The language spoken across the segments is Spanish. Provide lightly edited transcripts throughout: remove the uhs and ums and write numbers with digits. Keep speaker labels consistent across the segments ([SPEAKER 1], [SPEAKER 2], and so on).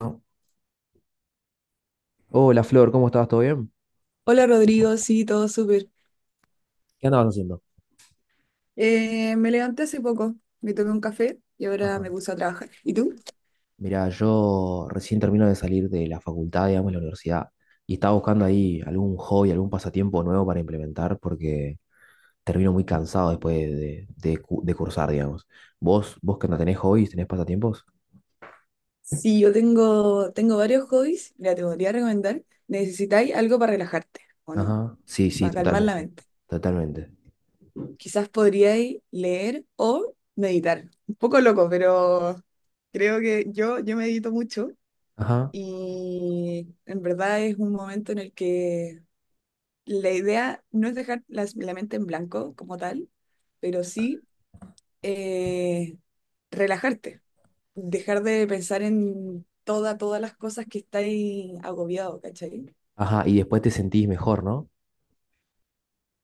[SPEAKER 1] ¿No? Hola Flor, ¿cómo estás? ¿Todo bien?
[SPEAKER 2] Hola Rodrigo, sí, todo súper.
[SPEAKER 1] ¿Qué andabas haciendo?
[SPEAKER 2] Me levanté hace poco, me tomé un café y ahora
[SPEAKER 1] Ajá.
[SPEAKER 2] me puse a trabajar. ¿Y tú?
[SPEAKER 1] Mirá, yo recién termino de salir de la facultad, digamos, de la universidad, y estaba buscando ahí algún hobby, algún pasatiempo nuevo para implementar, porque termino muy cansado después de cursar, digamos. ¿Vos que no tenés hobbies, tenés pasatiempos?
[SPEAKER 2] Sí, yo tengo varios hobbies, mira, te podría recomendar. Necesitáis algo para relajarte, ¿o no?
[SPEAKER 1] Ajá. Sí, sí,
[SPEAKER 2] Para calmar la
[SPEAKER 1] totalmente,
[SPEAKER 2] mente.
[SPEAKER 1] totalmente.
[SPEAKER 2] Quizás podríais leer o meditar. Un poco loco, pero creo que yo medito mucho
[SPEAKER 1] Ajá.
[SPEAKER 2] y en verdad es un momento en el que la idea no es dejar la mente en blanco como tal, pero sí eh, relajarte, dejar de pensar en toda, todas las cosas que estáis agobiado, ¿cachai?
[SPEAKER 1] Ajá, y después te sentís mejor, ¿no?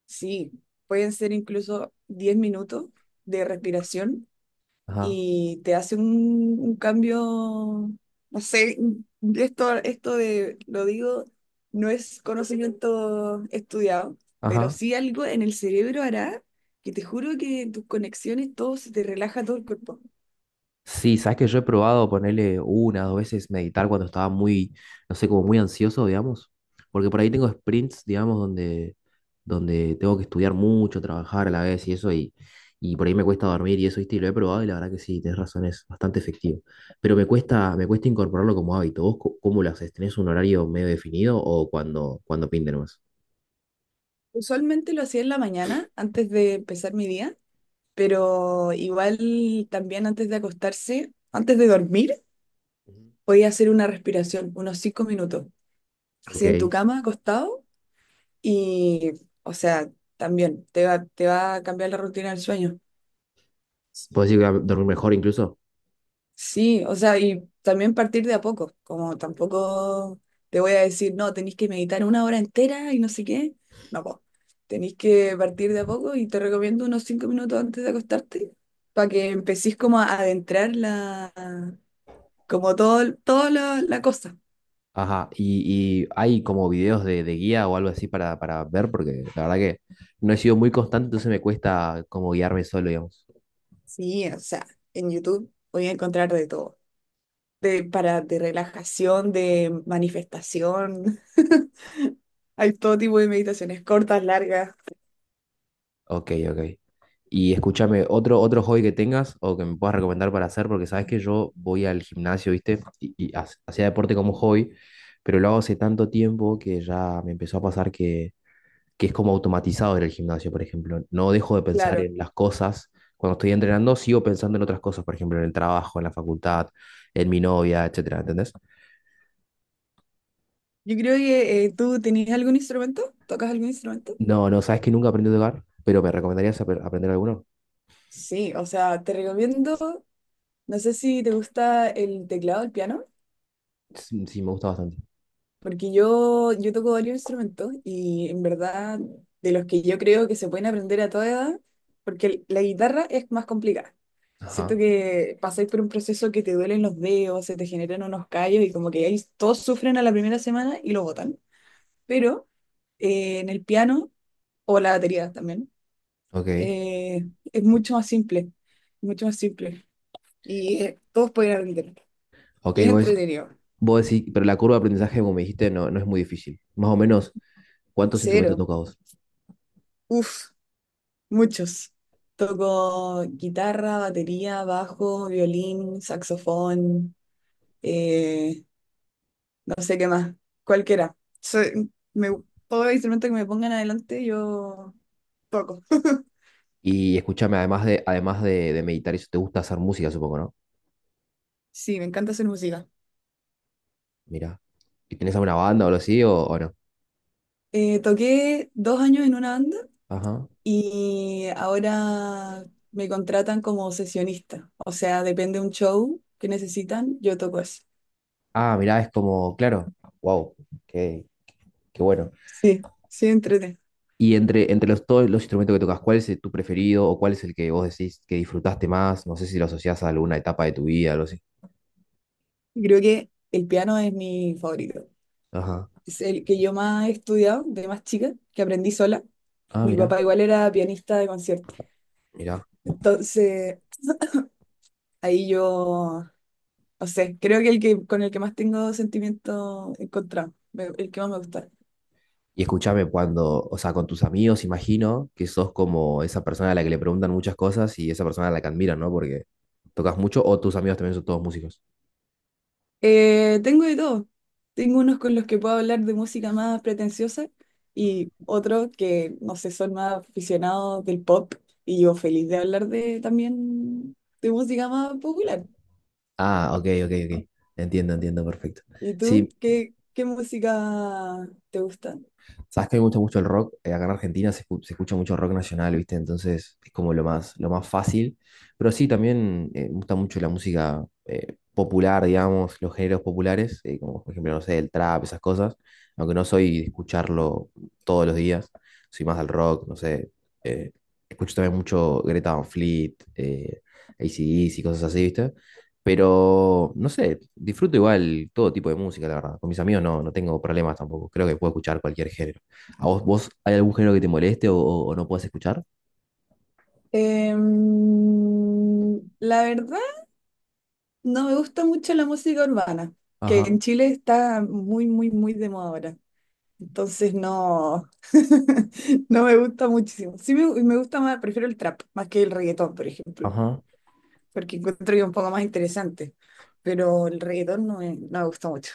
[SPEAKER 2] Sí, pueden ser incluso 10 minutos de respiración
[SPEAKER 1] Ajá.
[SPEAKER 2] y te hace un cambio, no sé, esto de, lo digo, no es conocimiento estudiado, pero
[SPEAKER 1] Ajá.
[SPEAKER 2] sí algo en el cerebro hará que te juro que tus conexiones, todo se te relaja todo el cuerpo.
[SPEAKER 1] Sí, sabes que yo he probado ponerle una, dos veces meditar cuando estaba muy, no sé, como muy ansioso, digamos. Porque por ahí tengo sprints, digamos, donde tengo que estudiar mucho, trabajar a la vez y eso, y por ahí me cuesta dormir y eso, ¿viste? Y lo he probado y la verdad que sí, tenés razón, es bastante efectivo. Pero me cuesta incorporarlo como hábito. ¿Vos cómo lo haces? ¿Tenés un horario medio definido o cuando pinte nomás?
[SPEAKER 2] Usualmente lo hacía en la mañana, antes de empezar mi día, pero igual también antes de acostarse, antes de dormir,
[SPEAKER 1] Ujú.
[SPEAKER 2] podía hacer una respiración, unos 5 minutos,
[SPEAKER 1] Ok.
[SPEAKER 2] así en tu cama, acostado, y, o sea, también te va a cambiar la rutina del sueño.
[SPEAKER 1] ¿Podés ir a dormir mejor incluso?
[SPEAKER 2] Sí, o sea, y también partir de a poco, como tampoco te voy a decir, no, tenéis que meditar una hora entera y no sé qué. No, pues, tenéis que partir de a poco y te recomiendo unos 5 minutos antes de acostarte para que empecéis como a adentrar la, como todo, todo la cosa.
[SPEAKER 1] Ajá, y hay como videos de guía o algo así para, ver, porque la verdad que no he sido muy constante, entonces me cuesta como guiarme solo, digamos.
[SPEAKER 2] Sí, o sea, en YouTube voy a encontrar de todo, de, para, de relajación, de manifestación. Hay todo tipo de meditaciones cortas, largas,
[SPEAKER 1] Ok, ok. Y escúchame, otro hobby que tengas o que me puedas recomendar para hacer, porque sabes que yo voy al gimnasio, ¿viste? Y hacía deporte como hobby, pero lo hago hace tanto tiempo que ya me empezó a pasar que es como automatizado en el gimnasio, por ejemplo. No dejo de pensar
[SPEAKER 2] claro.
[SPEAKER 1] en las cosas. Cuando estoy entrenando, sigo pensando en otras cosas, por ejemplo, en el trabajo, en la facultad, en mi novia, etcétera, ¿entendés?
[SPEAKER 2] Yo creo que tú tenías algún instrumento, tocas algún instrumento.
[SPEAKER 1] No, no, sabes que nunca aprendí a tocar, pero ¿me recomendarías aprender alguno?
[SPEAKER 2] Sí, o sea, te recomiendo, no sé si te gusta el teclado, el piano,
[SPEAKER 1] Sí, sí, me gusta bastante.
[SPEAKER 2] porque yo toco varios instrumentos y en verdad de los que yo creo que se pueden aprender a toda edad, porque la guitarra es más complicada. Siento
[SPEAKER 1] Ajá,
[SPEAKER 2] que pasáis por un proceso que te duelen los dedos, se te generan unos callos y como que ahí todos sufren a la primera semana y lo botan. Pero en el piano o la batería también.
[SPEAKER 1] ok.
[SPEAKER 2] Es mucho más simple, mucho más simple. Y todos pueden aprender.
[SPEAKER 1] Ok,
[SPEAKER 2] Y es
[SPEAKER 1] vos,
[SPEAKER 2] entretenido.
[SPEAKER 1] vos decís, pero la curva de aprendizaje, como me dijiste, no, no es muy difícil. Más o menos, ¿cuántos instrumentos
[SPEAKER 2] Cero.
[SPEAKER 1] tocas vos?
[SPEAKER 2] Uf, muchos. Toco guitarra, batería, bajo, violín, saxofón, eh, no sé qué más, cualquiera. Me, Todo instrumento que me pongan adelante, yo toco.
[SPEAKER 1] Y escúchame, además de meditar, eso te gusta hacer música, supongo, ¿no?
[SPEAKER 2] Sí, me encanta hacer música.
[SPEAKER 1] Mira. ¿Y tenés alguna banda o algo así o no?
[SPEAKER 2] Toqué 2 años en una banda
[SPEAKER 1] Ajá.
[SPEAKER 2] y ahora me contratan como sesionista. O sea, depende de un show que necesitan, yo toco eso.
[SPEAKER 1] Ah, mirá, es como, claro, wow, qué, qué bueno.
[SPEAKER 2] Sí, sí, entrete.
[SPEAKER 1] Y entre todos los instrumentos que tocas, ¿cuál es tu preferido o cuál es el que vos decís que disfrutaste más? No sé si lo asociás a alguna etapa de tu vida, algo así.
[SPEAKER 2] Creo que el piano es mi favorito.
[SPEAKER 1] Ajá.
[SPEAKER 2] Es el que yo más he estudiado de más chica, que aprendí sola.
[SPEAKER 1] Ah,
[SPEAKER 2] Mi
[SPEAKER 1] mirá,
[SPEAKER 2] papá igual era pianista de concierto.
[SPEAKER 1] mirá.
[SPEAKER 2] Entonces, ahí yo, no sé, creo que el que con el que más tengo sentimiento encontrado, el que más me gusta.
[SPEAKER 1] Y escúchame cuando, o sea, con tus amigos, imagino que sos como esa persona a la que le preguntan muchas cosas y esa persona a la que admiran, ¿no? Porque tocas mucho o tus amigos también son todos músicos.
[SPEAKER 2] Tengo de todo. Tengo unos con los que puedo hablar de música más pretenciosa y otros que, no sé, son más aficionados del pop y yo feliz de hablar de también de música más popular.
[SPEAKER 1] Ah, ok, ok, ok. Entiendo, entiendo, perfecto.
[SPEAKER 2] ¿Y tú?
[SPEAKER 1] Sí,
[SPEAKER 2] ¿Qué música te gusta?
[SPEAKER 1] sabes que me gusta mucho el rock. Acá en Argentina se escucha mucho rock nacional, ¿viste? Entonces es como lo más fácil. Pero sí, también me gusta mucho la música popular, digamos, los géneros populares, como por ejemplo, no sé, el trap, esas cosas. Aunque no soy de escucharlo todos los días, soy más del rock, no sé. eh, escucho también mucho Greta Van Fleet, AC/DC y cosas así, ¿viste? Pero, no sé, disfruto igual todo tipo de música, la verdad. Con mis amigos no, no tengo problemas tampoco. Creo que puedo escuchar cualquier género. ¿A vos, hay algún género que te moleste o no puedas escuchar?
[SPEAKER 2] La verdad, no me gusta mucho la música urbana, que en
[SPEAKER 1] Ajá,
[SPEAKER 2] Chile está muy, muy, muy de moda ahora. Entonces no, no me gusta muchísimo. Sí me gusta más, prefiero el trap más que el reggaetón, por ejemplo,
[SPEAKER 1] ajá.
[SPEAKER 2] porque encuentro que es un poco más interesante, pero el reggaetón no me gusta mucho.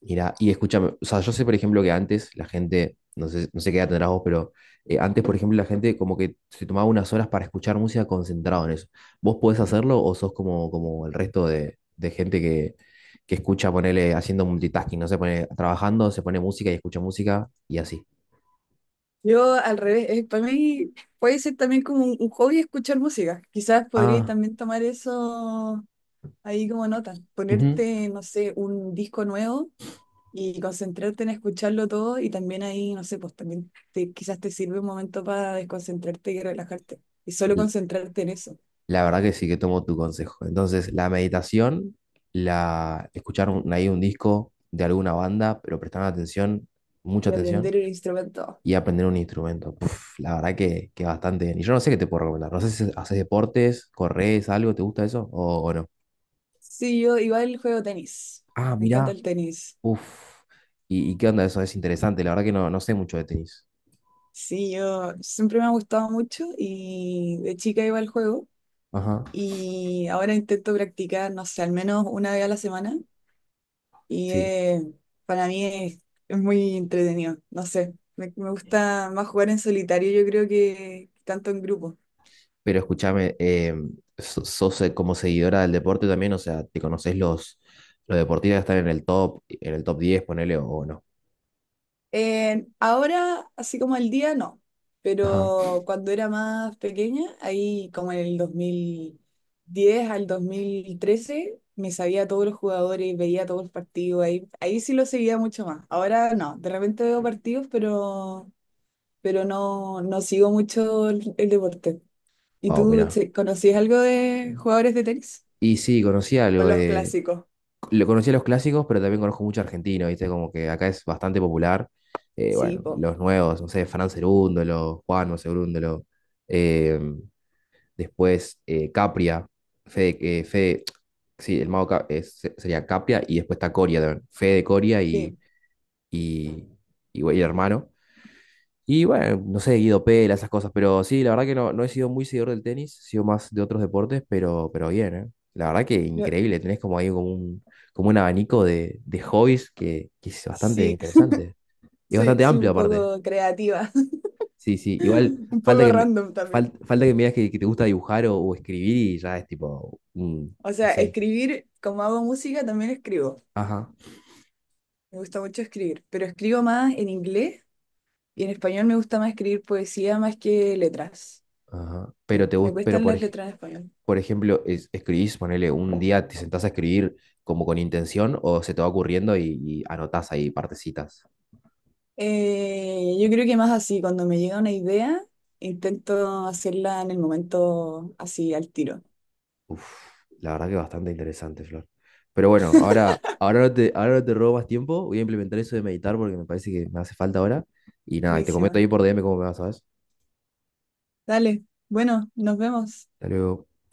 [SPEAKER 1] Mira, y escúchame, o sea, yo sé, por ejemplo, que antes la gente, no sé qué edad tendrás vos, pero antes, por ejemplo, la gente como que se tomaba unas horas para escuchar música concentrado en eso. ¿Vos podés hacerlo o sos como el resto de gente que escucha, ponele, haciendo multitasking, no sé, pone trabajando, se pone música y escucha música y así?
[SPEAKER 2] Yo al revés, para mí puede ser también como un hobby escuchar música. Quizás podría
[SPEAKER 1] Ah,
[SPEAKER 2] también tomar eso ahí como nota,
[SPEAKER 1] ujú.
[SPEAKER 2] ponerte, no sé, un disco nuevo y concentrarte en escucharlo todo y también ahí, no sé, pues también te, quizás te sirve un momento para desconcentrarte y relajarte. Y solo concentrarte en eso
[SPEAKER 1] La verdad que sí que tomo tu consejo. Entonces, la meditación, la escuchar ahí un disco de alguna banda, pero prestar atención, mucha
[SPEAKER 2] y
[SPEAKER 1] atención,
[SPEAKER 2] aprender el instrumento.
[SPEAKER 1] y aprender un instrumento. Puf, la verdad que bastante bien. Y yo no sé qué te puedo recomendar. No sé si haces deportes, corres, algo, ¿te gusta eso? ¿O no?
[SPEAKER 2] Sí, yo igual juego tenis.
[SPEAKER 1] Ah,
[SPEAKER 2] Me encanta
[SPEAKER 1] mirá,
[SPEAKER 2] el tenis.
[SPEAKER 1] uf. ¿Y qué onda eso? Es interesante. La verdad que no, no sé mucho de tenis.
[SPEAKER 2] Sí, yo siempre me ha gustado mucho y de chica iba al juego
[SPEAKER 1] Ajá.
[SPEAKER 2] y ahora intento practicar, no sé, al menos una vez a la semana y
[SPEAKER 1] Sí.
[SPEAKER 2] para mí es muy entretenido, no sé, me gusta más jugar en solitario yo creo que tanto en grupo.
[SPEAKER 1] Pero escúchame, sos como seguidora del deporte también, o sea, ¿te conoces los deportistas que están en el top diez ponele, o no?
[SPEAKER 2] Ahora, así como el día, no.
[SPEAKER 1] Ajá.
[SPEAKER 2] Pero cuando era más pequeña, ahí como en el 2010 al 2013 me sabía a todos los jugadores, veía todos los partidos, ahí sí lo seguía mucho más. Ahora no, de repente veo partidos, pero no, no sigo mucho el deporte. ¿Y
[SPEAKER 1] Wow,
[SPEAKER 2] tú?
[SPEAKER 1] mirá.
[SPEAKER 2] ¿Conocías algo de jugadores de tenis?
[SPEAKER 1] Y sí, conocí
[SPEAKER 2] O
[SPEAKER 1] algo,
[SPEAKER 2] los clásicos.
[SPEAKER 1] lo conocía los clásicos, pero también conozco mucho argentino, ¿viste? Como que acá es bastante popular. Eh,
[SPEAKER 2] Sí,
[SPEAKER 1] bueno,
[SPEAKER 2] po.
[SPEAKER 1] los nuevos, no sé, Fran Cerúndolo, Juan Cerúndolo, eh, después Capria, Fede, eh, Fede- sí, el mago sería Capria, y después está Coria también, Fede Coria
[SPEAKER 2] Sí,
[SPEAKER 1] y, y güey, hermano. Y bueno, no sé, Guido Pela, esas cosas, pero sí, la verdad que no, no he sido muy seguidor del tenis, he sido más de otros deportes, pero bien, ¿eh? La verdad que
[SPEAKER 2] Yo-
[SPEAKER 1] increíble, tenés como ahí como un, abanico de hobbies que es bastante
[SPEAKER 2] sí,
[SPEAKER 1] interesante. Y
[SPEAKER 2] soy,
[SPEAKER 1] bastante
[SPEAKER 2] soy
[SPEAKER 1] amplio
[SPEAKER 2] un
[SPEAKER 1] aparte.
[SPEAKER 2] poco creativa.
[SPEAKER 1] Sí, sí, igual
[SPEAKER 2] Un
[SPEAKER 1] falta
[SPEAKER 2] poco
[SPEAKER 1] que me,
[SPEAKER 2] random también.
[SPEAKER 1] fal- falta que me digas que te gusta dibujar o escribir y ya es tipo,
[SPEAKER 2] O
[SPEAKER 1] no
[SPEAKER 2] sea,
[SPEAKER 1] sé.
[SPEAKER 2] escribir, como hago música, también escribo.
[SPEAKER 1] Ajá,
[SPEAKER 2] Me gusta mucho escribir, pero escribo más en inglés y en español me gusta más escribir poesía más que letras.
[SPEAKER 1] ajá. Pero
[SPEAKER 2] Me,
[SPEAKER 1] te
[SPEAKER 2] me
[SPEAKER 1] gusta, pero
[SPEAKER 2] cuestan
[SPEAKER 1] por
[SPEAKER 2] las
[SPEAKER 1] ej-
[SPEAKER 2] letras en español.
[SPEAKER 1] por ejemplo, escribís, ponele un día, te sentás a escribir como con intención o se te va ocurriendo y anotás ahí partecitas.
[SPEAKER 2] Yo creo que más así, cuando me llega una idea, intento hacerla en el momento así, al tiro.
[SPEAKER 1] Uf, la verdad que bastante interesante, Flor. Pero bueno, ahora no te robo más tiempo, voy a implementar eso de meditar porque me parece que me hace falta ahora. Y nada, y te comento
[SPEAKER 2] Buenísima.
[SPEAKER 1] ahí por DM cómo me vas, ¿sabes?
[SPEAKER 2] Dale, bueno, nos vemos.
[SPEAKER 1] Hasta luego.